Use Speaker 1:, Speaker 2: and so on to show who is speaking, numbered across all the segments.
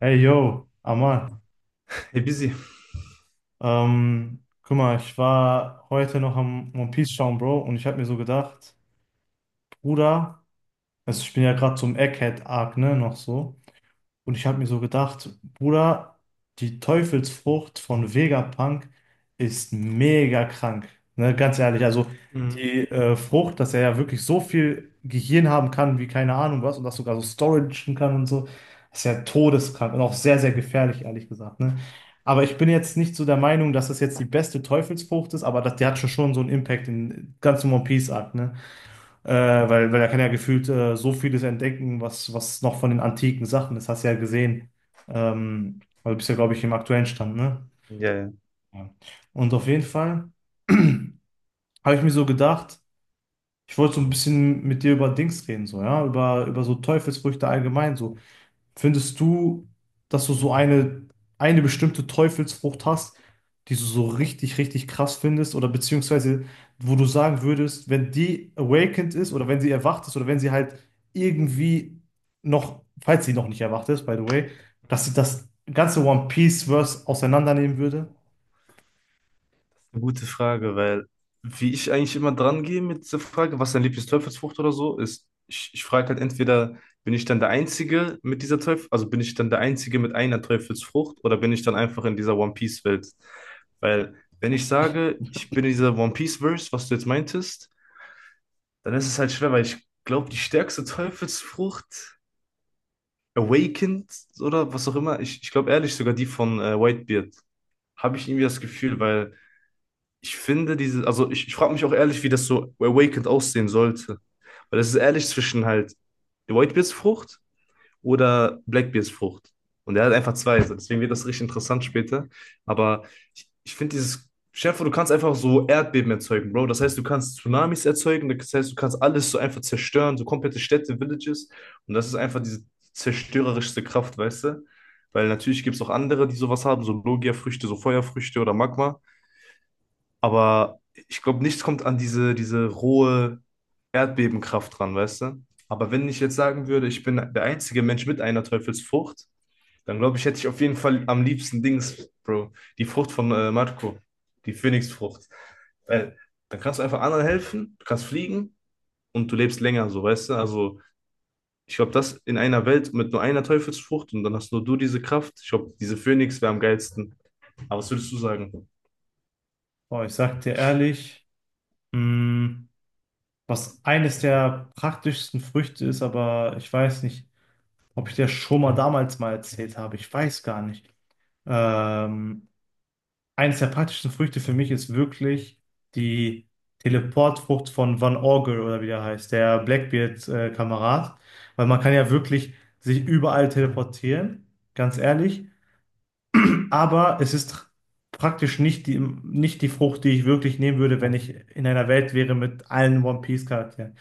Speaker 1: Hey yo, Amal.
Speaker 2: Hey, Busy.
Speaker 1: Guck mal, ich war heute noch am One Piece schauen, Bro, und ich habe mir so gedacht, Bruder, also ich bin ja gerade zum Egghead-Arc, ne, noch so. Und ich habe mir so gedacht, Bruder, die Teufelsfrucht von Vegapunk ist mega krank. Ne, ganz ehrlich, also
Speaker 2: Mhm.
Speaker 1: die Frucht, dass er ja wirklich so viel Gehirn haben kann, wie keine Ahnung was, und das sogar so storagen kann und so, ist ja todeskrank und auch sehr, sehr gefährlich, ehrlich gesagt. Ne? Aber ich bin jetzt nicht so der Meinung, dass das jetzt die beste Teufelsfrucht ist, aber das, die hat schon, schon so einen Impact in ganzen One Piece Arc. Ne? Äh, weil er kann ja gefühlt so vieles entdecken, was, was noch von den antiken Sachen ist. Hast du ja gesehen. Weil du bist ja, glaube ich, im aktuellen Stand, ne?
Speaker 2: Ja, ja.
Speaker 1: Ja. Und auf jeden Fall habe ich mir so gedacht, ich wollte so ein bisschen mit dir über Dings reden, so, ja, über, über so Teufelsfrüchte allgemein, so. Findest du, dass du so eine bestimmte Teufelsfrucht hast, die du so richtig, richtig krass findest oder beziehungsweise wo du sagen würdest, wenn die awakened ist oder wenn sie erwacht ist oder wenn sie halt irgendwie noch, falls sie noch nicht erwacht ist, by the way, dass sie das ganze One Piece-Verse auseinandernehmen würde?
Speaker 2: Eine gute Frage. Weil wie ich eigentlich immer dran gehe mit dieser Frage, was dein Lieblingsteufelsfrucht oder so ist, ich frage halt entweder, bin ich dann der Einzige mit dieser Teufel, also bin ich dann der Einzige mit einer Teufelsfrucht oder bin ich dann einfach in dieser One Piece Welt? Weil wenn ich sage, ich bin in dieser One Piece Verse, was du jetzt meintest, dann ist es halt schwer, weil ich glaube, die stärkste Teufelsfrucht, Awakened oder was auch immer, ich glaube ehrlich sogar die von Whitebeard. Habe ich irgendwie das Gefühl. Weil ich finde diese, also ich frage mich auch ehrlich, wie das so Awakened aussehen sollte. Weil das ist ehrlich zwischen halt der Whitebeards-Frucht oder Blackbeersfrucht. Und er hat einfach zwei. So. Deswegen wird das richtig interessant später. Aber ich finde dieses. Stell dir vor, du kannst einfach so Erdbeben erzeugen, Bro. Das heißt, du kannst Tsunamis erzeugen, das heißt, du kannst alles so einfach zerstören, so komplette Städte, Villages. Und das ist einfach diese zerstörerischste Kraft, weißt du? Weil natürlich gibt es auch andere, die sowas haben, so Logia-Früchte, so Feuerfrüchte oder Magma. Aber ich glaube, nichts kommt an diese rohe Erdbebenkraft ran, weißt du? Aber wenn ich jetzt sagen würde, ich bin der einzige Mensch mit einer Teufelsfrucht, dann glaube ich, hätte ich auf jeden Fall am liebsten Dings, Bro, die Frucht von Marco, die Phönixfrucht. Weil dann kannst du einfach anderen helfen, du kannst fliegen und du lebst länger, so, weißt du? Also, ich glaube, das in einer Welt mit nur einer Teufelsfrucht und dann hast nur du diese Kraft. Ich glaube, diese Phönix wäre am geilsten. Aber was würdest du sagen?
Speaker 1: Boah, ich sag dir ehrlich, mh, was eines der praktischsten Früchte ist, aber ich weiß nicht, ob ich dir schon mal damals mal erzählt habe. Ich weiß gar nicht. Ähm, Eines der praktischsten Früchte für mich ist wirklich die Teleportfrucht von Van Orgel oder wie der heißt, der Blackbeard-Kamerad, weil man kann ja wirklich sich überall teleportieren, ganz ehrlich. Aber es ist praktisch nicht die Frucht, die ich wirklich nehmen würde, wenn ich in einer Welt wäre mit allen One Piece-Charakteren.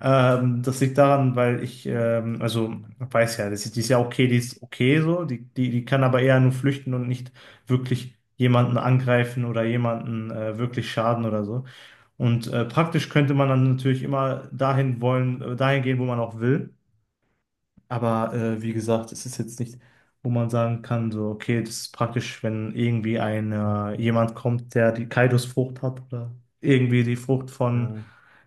Speaker 1: Das liegt daran, weil ich, also weiß ja, das ist, die ist ja okay, die ist okay so, die, die, die kann aber eher nur flüchten und nicht wirklich jemanden angreifen oder jemanden wirklich schaden oder so. Und praktisch könnte man dann natürlich immer dahin wollen, dahin gehen, wo man auch will. Aber wie gesagt, es ist jetzt nicht, wo man sagen kann, so, okay, das ist praktisch, wenn irgendwie ein, jemand kommt, der die Kaidos-Frucht hat oder irgendwie die Frucht von
Speaker 2: Ja,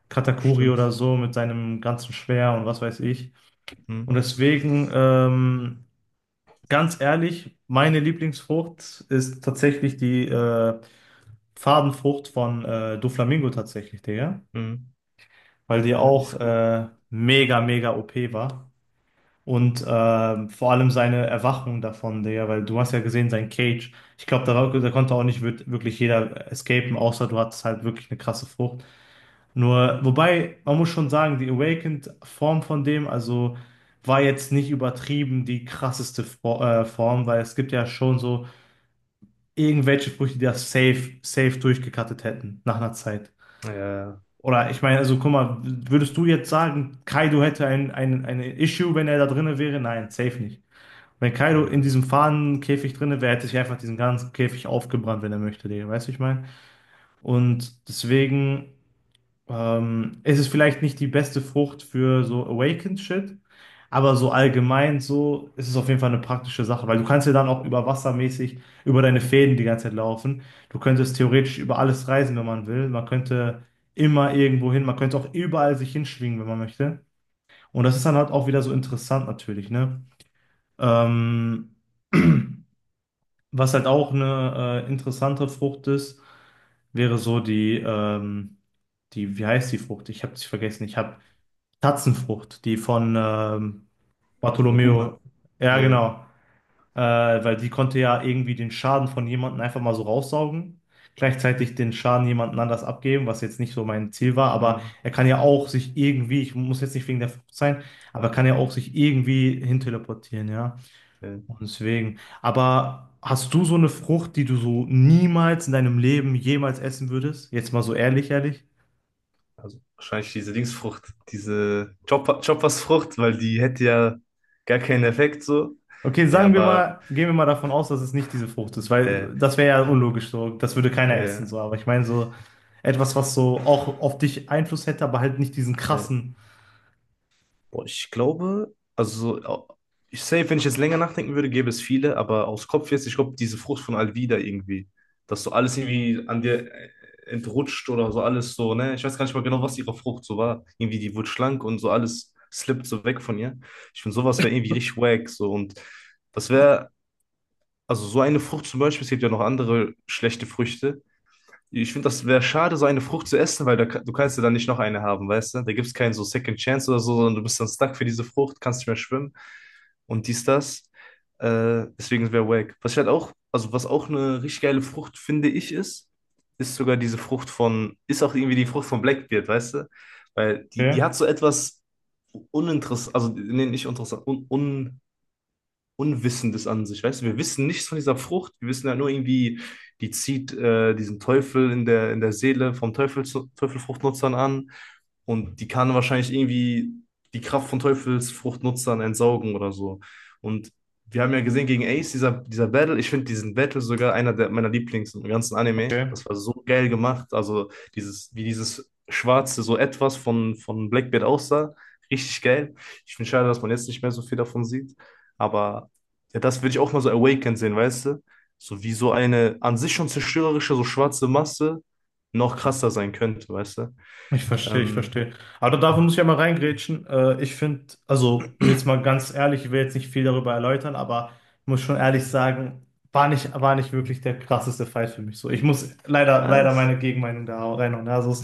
Speaker 1: Katakuri oder
Speaker 2: stimmt.
Speaker 1: so mit seinem ganzen Schwert und was weiß ich.
Speaker 2: Hm,
Speaker 1: Und deswegen, ganz ehrlich, meine Lieblingsfrucht ist tatsächlich die Farbenfrucht von Doflamingo tatsächlich, Digga.
Speaker 2: hm.
Speaker 1: Weil die
Speaker 2: Ja, die
Speaker 1: auch
Speaker 2: ist gut.
Speaker 1: mega, mega OP war. Und vor allem seine Erwachung davon, Digga, weil du hast ja gesehen, sein Cage. Ich glaube, da, da konnte auch nicht wir- wirklich jeder escapen, außer du hattest halt wirklich eine krasse Frucht. Nur, wobei, man muss schon sagen, die Awakened-Form von dem, also war jetzt nicht übertrieben die krasseste Form, weil es gibt ja schon so irgendwelche Früchte, die das safe, safe durchgekattet hätten nach einer Zeit.
Speaker 2: Ja,
Speaker 1: Oder ich meine, also guck mal, würdest du jetzt sagen, Kaido hätte ein Issue, wenn er da drinne wäre? Nein, safe nicht. Wenn Kaido
Speaker 2: dann,
Speaker 1: in diesem Fahnenkäfig drinne wäre, hätte sich einfach diesen ganzen Käfig aufgebrannt, wenn er möchte, Digga. Weißt du, ich meine? Und deswegen ist es vielleicht nicht die beste Frucht für so Awakened Shit, aber so allgemein so ist es auf jeden Fall eine praktische Sache, weil du kannst ja dann auch über wassermäßig über deine Fäden die ganze Zeit laufen. Du könntest theoretisch über alles reisen, wenn man will. Man könnte immer irgendwo hin, man könnte auch überall sich hinschwingen, wenn man möchte. Und das ist dann halt auch wieder so interessant natürlich, ne? Ähm, Was halt auch eine interessante Frucht ist, wäre so die, die, wie heißt die Frucht? Ich habe sie vergessen. Ich habe Tatzenfrucht, die von
Speaker 2: von Kuma.
Speaker 1: Bartolomeo. Ja,
Speaker 2: Ja.
Speaker 1: genau. Äh, Weil die konnte ja irgendwie den Schaden von jemandem einfach mal so raussaugen. Gleichzeitig den Schaden jemandem anders abgeben, was jetzt nicht so mein Ziel war. Aber
Speaker 2: Hm.
Speaker 1: er kann ja auch sich irgendwie, ich muss jetzt nicht wegen der Frucht sein, aber er kann ja auch sich irgendwie hinteleportieren, ja.
Speaker 2: Ne,
Speaker 1: Und deswegen. Aber hast du so eine Frucht, die du so niemals in deinem Leben jemals essen würdest? Jetzt mal so ehrlich, ehrlich.
Speaker 2: also wahrscheinlich diese Dingsfrucht, diese Chopper, Choppersfrucht, weil die hätte ja gar keinen Effekt so.
Speaker 1: Okay,
Speaker 2: Ne,
Speaker 1: sagen wir
Speaker 2: aber
Speaker 1: mal, gehen wir mal davon aus, dass es nicht diese Frucht ist,
Speaker 2: äh,
Speaker 1: weil das wäre ja unlogisch so. Das würde keiner essen
Speaker 2: äh,
Speaker 1: so. Aber ich meine so etwas, was so auch auf dich Einfluss hätte, aber halt nicht diesen
Speaker 2: äh,
Speaker 1: krassen.
Speaker 2: boah, ich glaube, also so, ich safe, wenn ich jetzt länger nachdenken würde, gäbe es viele, aber aus Kopf jetzt, ich glaube, diese Frucht von Alvida irgendwie, dass so alles irgendwie an dir entrutscht oder so alles so, ne? Ich weiß gar nicht mal genau, was ihre Frucht so war. Irgendwie, die wurde schlank und so alles slippt so weg von ihr. Ich finde, sowas wäre irgendwie richtig wack, so, und das wäre, also so eine Frucht zum Beispiel, es gibt ja noch andere schlechte Früchte, ich finde, das wäre schade, so eine Frucht zu essen, weil da, ka- du kannst ja dann nicht noch eine haben, weißt du? Da gibt es keinen so Second Chance oder so, sondern du bist dann stuck für diese Frucht, kannst nicht mehr schwimmen und dies, das. Deswegen wäre wack. Was ich halt auch, also was auch eine richtig geile Frucht, finde ich, ist sogar diese Frucht von, ist auch irgendwie die Frucht von Blackbeard, weißt du? Weil die
Speaker 1: Okay,
Speaker 2: hat so etwas uninteressant, also nee, nicht interessant, un, Unwissendes an sich, weißt du, wir wissen nichts von dieser Frucht, wir wissen ja nur irgendwie, die zieht diesen Teufel in der Seele vom Teufel, Teufelfruchtnutzern an und die kann wahrscheinlich irgendwie die Kraft von Teufelsfruchtnutzern entsaugen oder so. Und wir haben ja gesehen gegen Ace, dieser Battle, ich finde diesen Battle sogar einer der, meiner Lieblings im ganzen Anime.
Speaker 1: okay.
Speaker 2: Das war so geil gemacht. Also dieses, wie dieses schwarze so etwas von Blackbeard aussah. Richtig geil. Ich finde schade, dass man jetzt nicht mehr so viel davon sieht. Aber ja, das würde ich auch mal so awakened sehen, weißt du? So wie so eine an sich schon zerstörerische, so schwarze Masse noch krasser sein könnte, weißt du?
Speaker 1: Ich verstehe, ich
Speaker 2: Ähm,
Speaker 1: verstehe. Aber dafür muss ich ja mal reingrätschen. Ich finde, also und jetzt mal ganz ehrlich, ich will jetzt nicht viel darüber erläutern, aber ich muss schon ehrlich sagen, war nicht wirklich der krasseste Fight für mich. So, ich muss leider, leider
Speaker 2: Was?
Speaker 1: meine Gegenmeinung da reinhauen. Ja, also es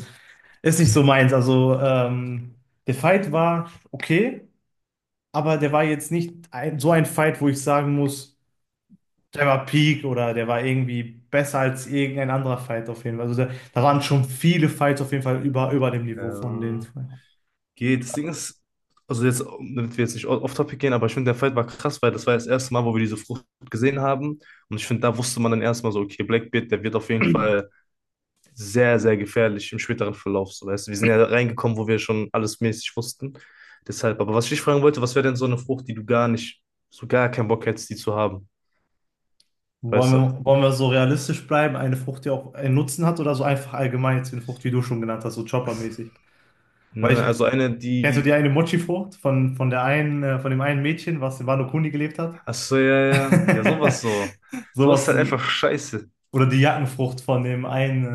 Speaker 1: ist nicht so meins. Also der Fight war okay, aber der war jetzt nicht ein, so ein Fight, wo ich sagen muss. Der war Peak oder der war irgendwie besser als irgendein anderer Fight auf jeden Fall. Also da, da waren schon viele Fights auf jeden Fall über, über dem Niveau von den
Speaker 2: Ähm,
Speaker 1: zwei.
Speaker 2: Geht. Das Ding ist, also jetzt, damit wir jetzt nicht off-topic gehen, aber ich finde, der Fight war krass, weil das war das erste Mal, wo wir diese Frucht gesehen haben. Und ich finde, da wusste man dann erstmal so, okay, Blackbeard, der wird auf jeden Fall sehr, sehr gefährlich im späteren Verlauf. So, weißt du, wir sind ja reingekommen, wo wir schon alles mäßig wussten. Deshalb, aber was ich dich fragen wollte, was wäre denn so eine Frucht, die du gar nicht, so gar keinen Bock hättest, die zu haben? Weißt du?
Speaker 1: Wollen wir so realistisch bleiben? Eine Frucht, die auch einen Nutzen hat oder so einfach allgemein jetzt eine Frucht, wie du schon genannt hast, so Chopper-mäßig? Weil
Speaker 2: Nein,
Speaker 1: ich,
Speaker 2: nein, also eine,
Speaker 1: kennst du die
Speaker 2: die,
Speaker 1: eine Mochi-Frucht von der einen, von dem einen Mädchen, was in Wano Kuni gelebt hat?
Speaker 2: ach so, ja, ja, ja, ja, sowas so. Sowas ist
Speaker 1: Sowas,
Speaker 2: halt einfach scheiße.
Speaker 1: oder die Jackenfrucht von dem einen,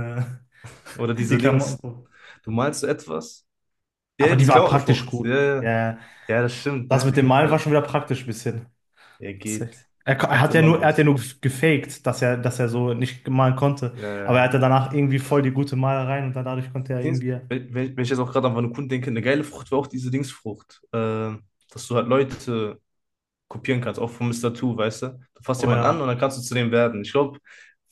Speaker 2: Oder
Speaker 1: die
Speaker 2: diese Dings.
Speaker 1: Klamottenfrucht.
Speaker 2: Du malst so etwas? Ja, ja,
Speaker 1: Aber die
Speaker 2: diese
Speaker 1: war praktisch
Speaker 2: Klamottenfrucht. Ja,
Speaker 1: gut.
Speaker 2: ja.
Speaker 1: Ja,
Speaker 2: Ja, das stimmt,
Speaker 1: das
Speaker 2: ne?
Speaker 1: mit dem Malen war
Speaker 2: Ja,
Speaker 1: schon wieder praktisch ein bisschen.
Speaker 2: er geht.
Speaker 1: Er
Speaker 2: Hat
Speaker 1: hat ja
Speaker 2: immer
Speaker 1: nur, er hat ja
Speaker 2: was.
Speaker 1: nur gefaked, dass er so nicht malen konnte.
Speaker 2: Ja,
Speaker 1: Aber er
Speaker 2: ja.
Speaker 1: hatte danach irgendwie voll die gute Malerei und dann dadurch konnte er
Speaker 2: Dings-
Speaker 1: irgendwie,
Speaker 2: Wenn ich jetzt auch gerade an Vanukun denke, eine geile Frucht war auch diese Dingsfrucht. Dass du halt Leute kopieren kannst, auch von Mister Two, weißt du? Du fasst
Speaker 1: oh
Speaker 2: jemanden an und
Speaker 1: ja,
Speaker 2: dann kannst du zu dem werden. Ich glaube,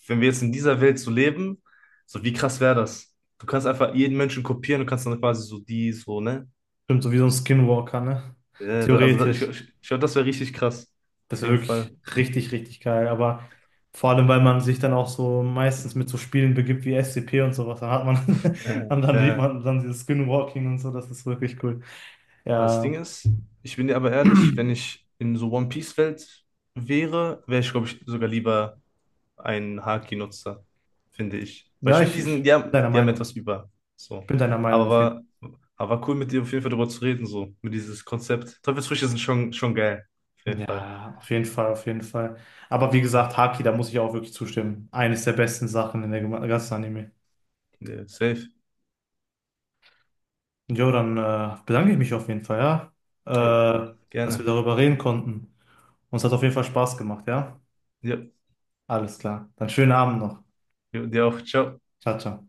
Speaker 2: wenn wir jetzt in dieser Welt so leben, so wie krass wäre das? Du kannst einfach jeden Menschen kopieren und kannst dann quasi so die, so, ne?
Speaker 1: stimmt, so wie so ein Skinwalker, ne?
Speaker 2: Ja, da, also da, ich,
Speaker 1: Theoretisch.
Speaker 2: ich, ich glaube, das wäre richtig krass.
Speaker 1: Das
Speaker 2: Auf
Speaker 1: wäre
Speaker 2: jeden Fall.
Speaker 1: wirklich richtig, richtig geil. Aber vor allem, weil man sich dann auch so meistens mit so Spielen begibt wie SCP und sowas, dann hat man,
Speaker 2: Ja,
Speaker 1: und dann sieht
Speaker 2: ja.
Speaker 1: man dann dieses Skinwalking und so, das ist wirklich cool.
Speaker 2: Das
Speaker 1: Ja,
Speaker 2: Ding ist, ich bin dir aber ehrlich, wenn ich in so One Piece-Welt wäre, wäre ich, glaube ich, sogar lieber ein Haki-Nutzer, finde ich. Weil ich
Speaker 1: ja,
Speaker 2: finde
Speaker 1: ich,
Speaker 2: diesen,
Speaker 1: ich
Speaker 2: die
Speaker 1: bin
Speaker 2: haben,
Speaker 1: deiner
Speaker 2: die haben
Speaker 1: Meinung.
Speaker 2: etwas über.
Speaker 1: Ich
Speaker 2: So.
Speaker 1: bin deiner Meinung
Speaker 2: Aber
Speaker 1: auf jeden Fall.
Speaker 2: war, aber war cool, mit dir auf jeden Fall darüber zu reden, so, mit dieses Konzept. Teufelsfrüchte sind schon, schon geil. Auf jeden Fall.
Speaker 1: Ja, auf jeden Fall, auf jeden Fall. Aber wie gesagt, Haki, da muss ich auch wirklich zustimmen. Eines der besten Sachen in der ganzen Anime.
Speaker 2: Ja, safe.
Speaker 1: Jo, dann bedanke ich mich auf jeden Fall,
Speaker 2: Jo,
Speaker 1: ja, dass wir
Speaker 2: gerne.
Speaker 1: darüber reden konnten. Uns hat auf jeden Fall Spaß gemacht, ja?
Speaker 2: Ja,
Speaker 1: Alles klar. Dann schönen Abend noch.
Speaker 2: jo, dir auch. Ciao.
Speaker 1: Ciao, ciao.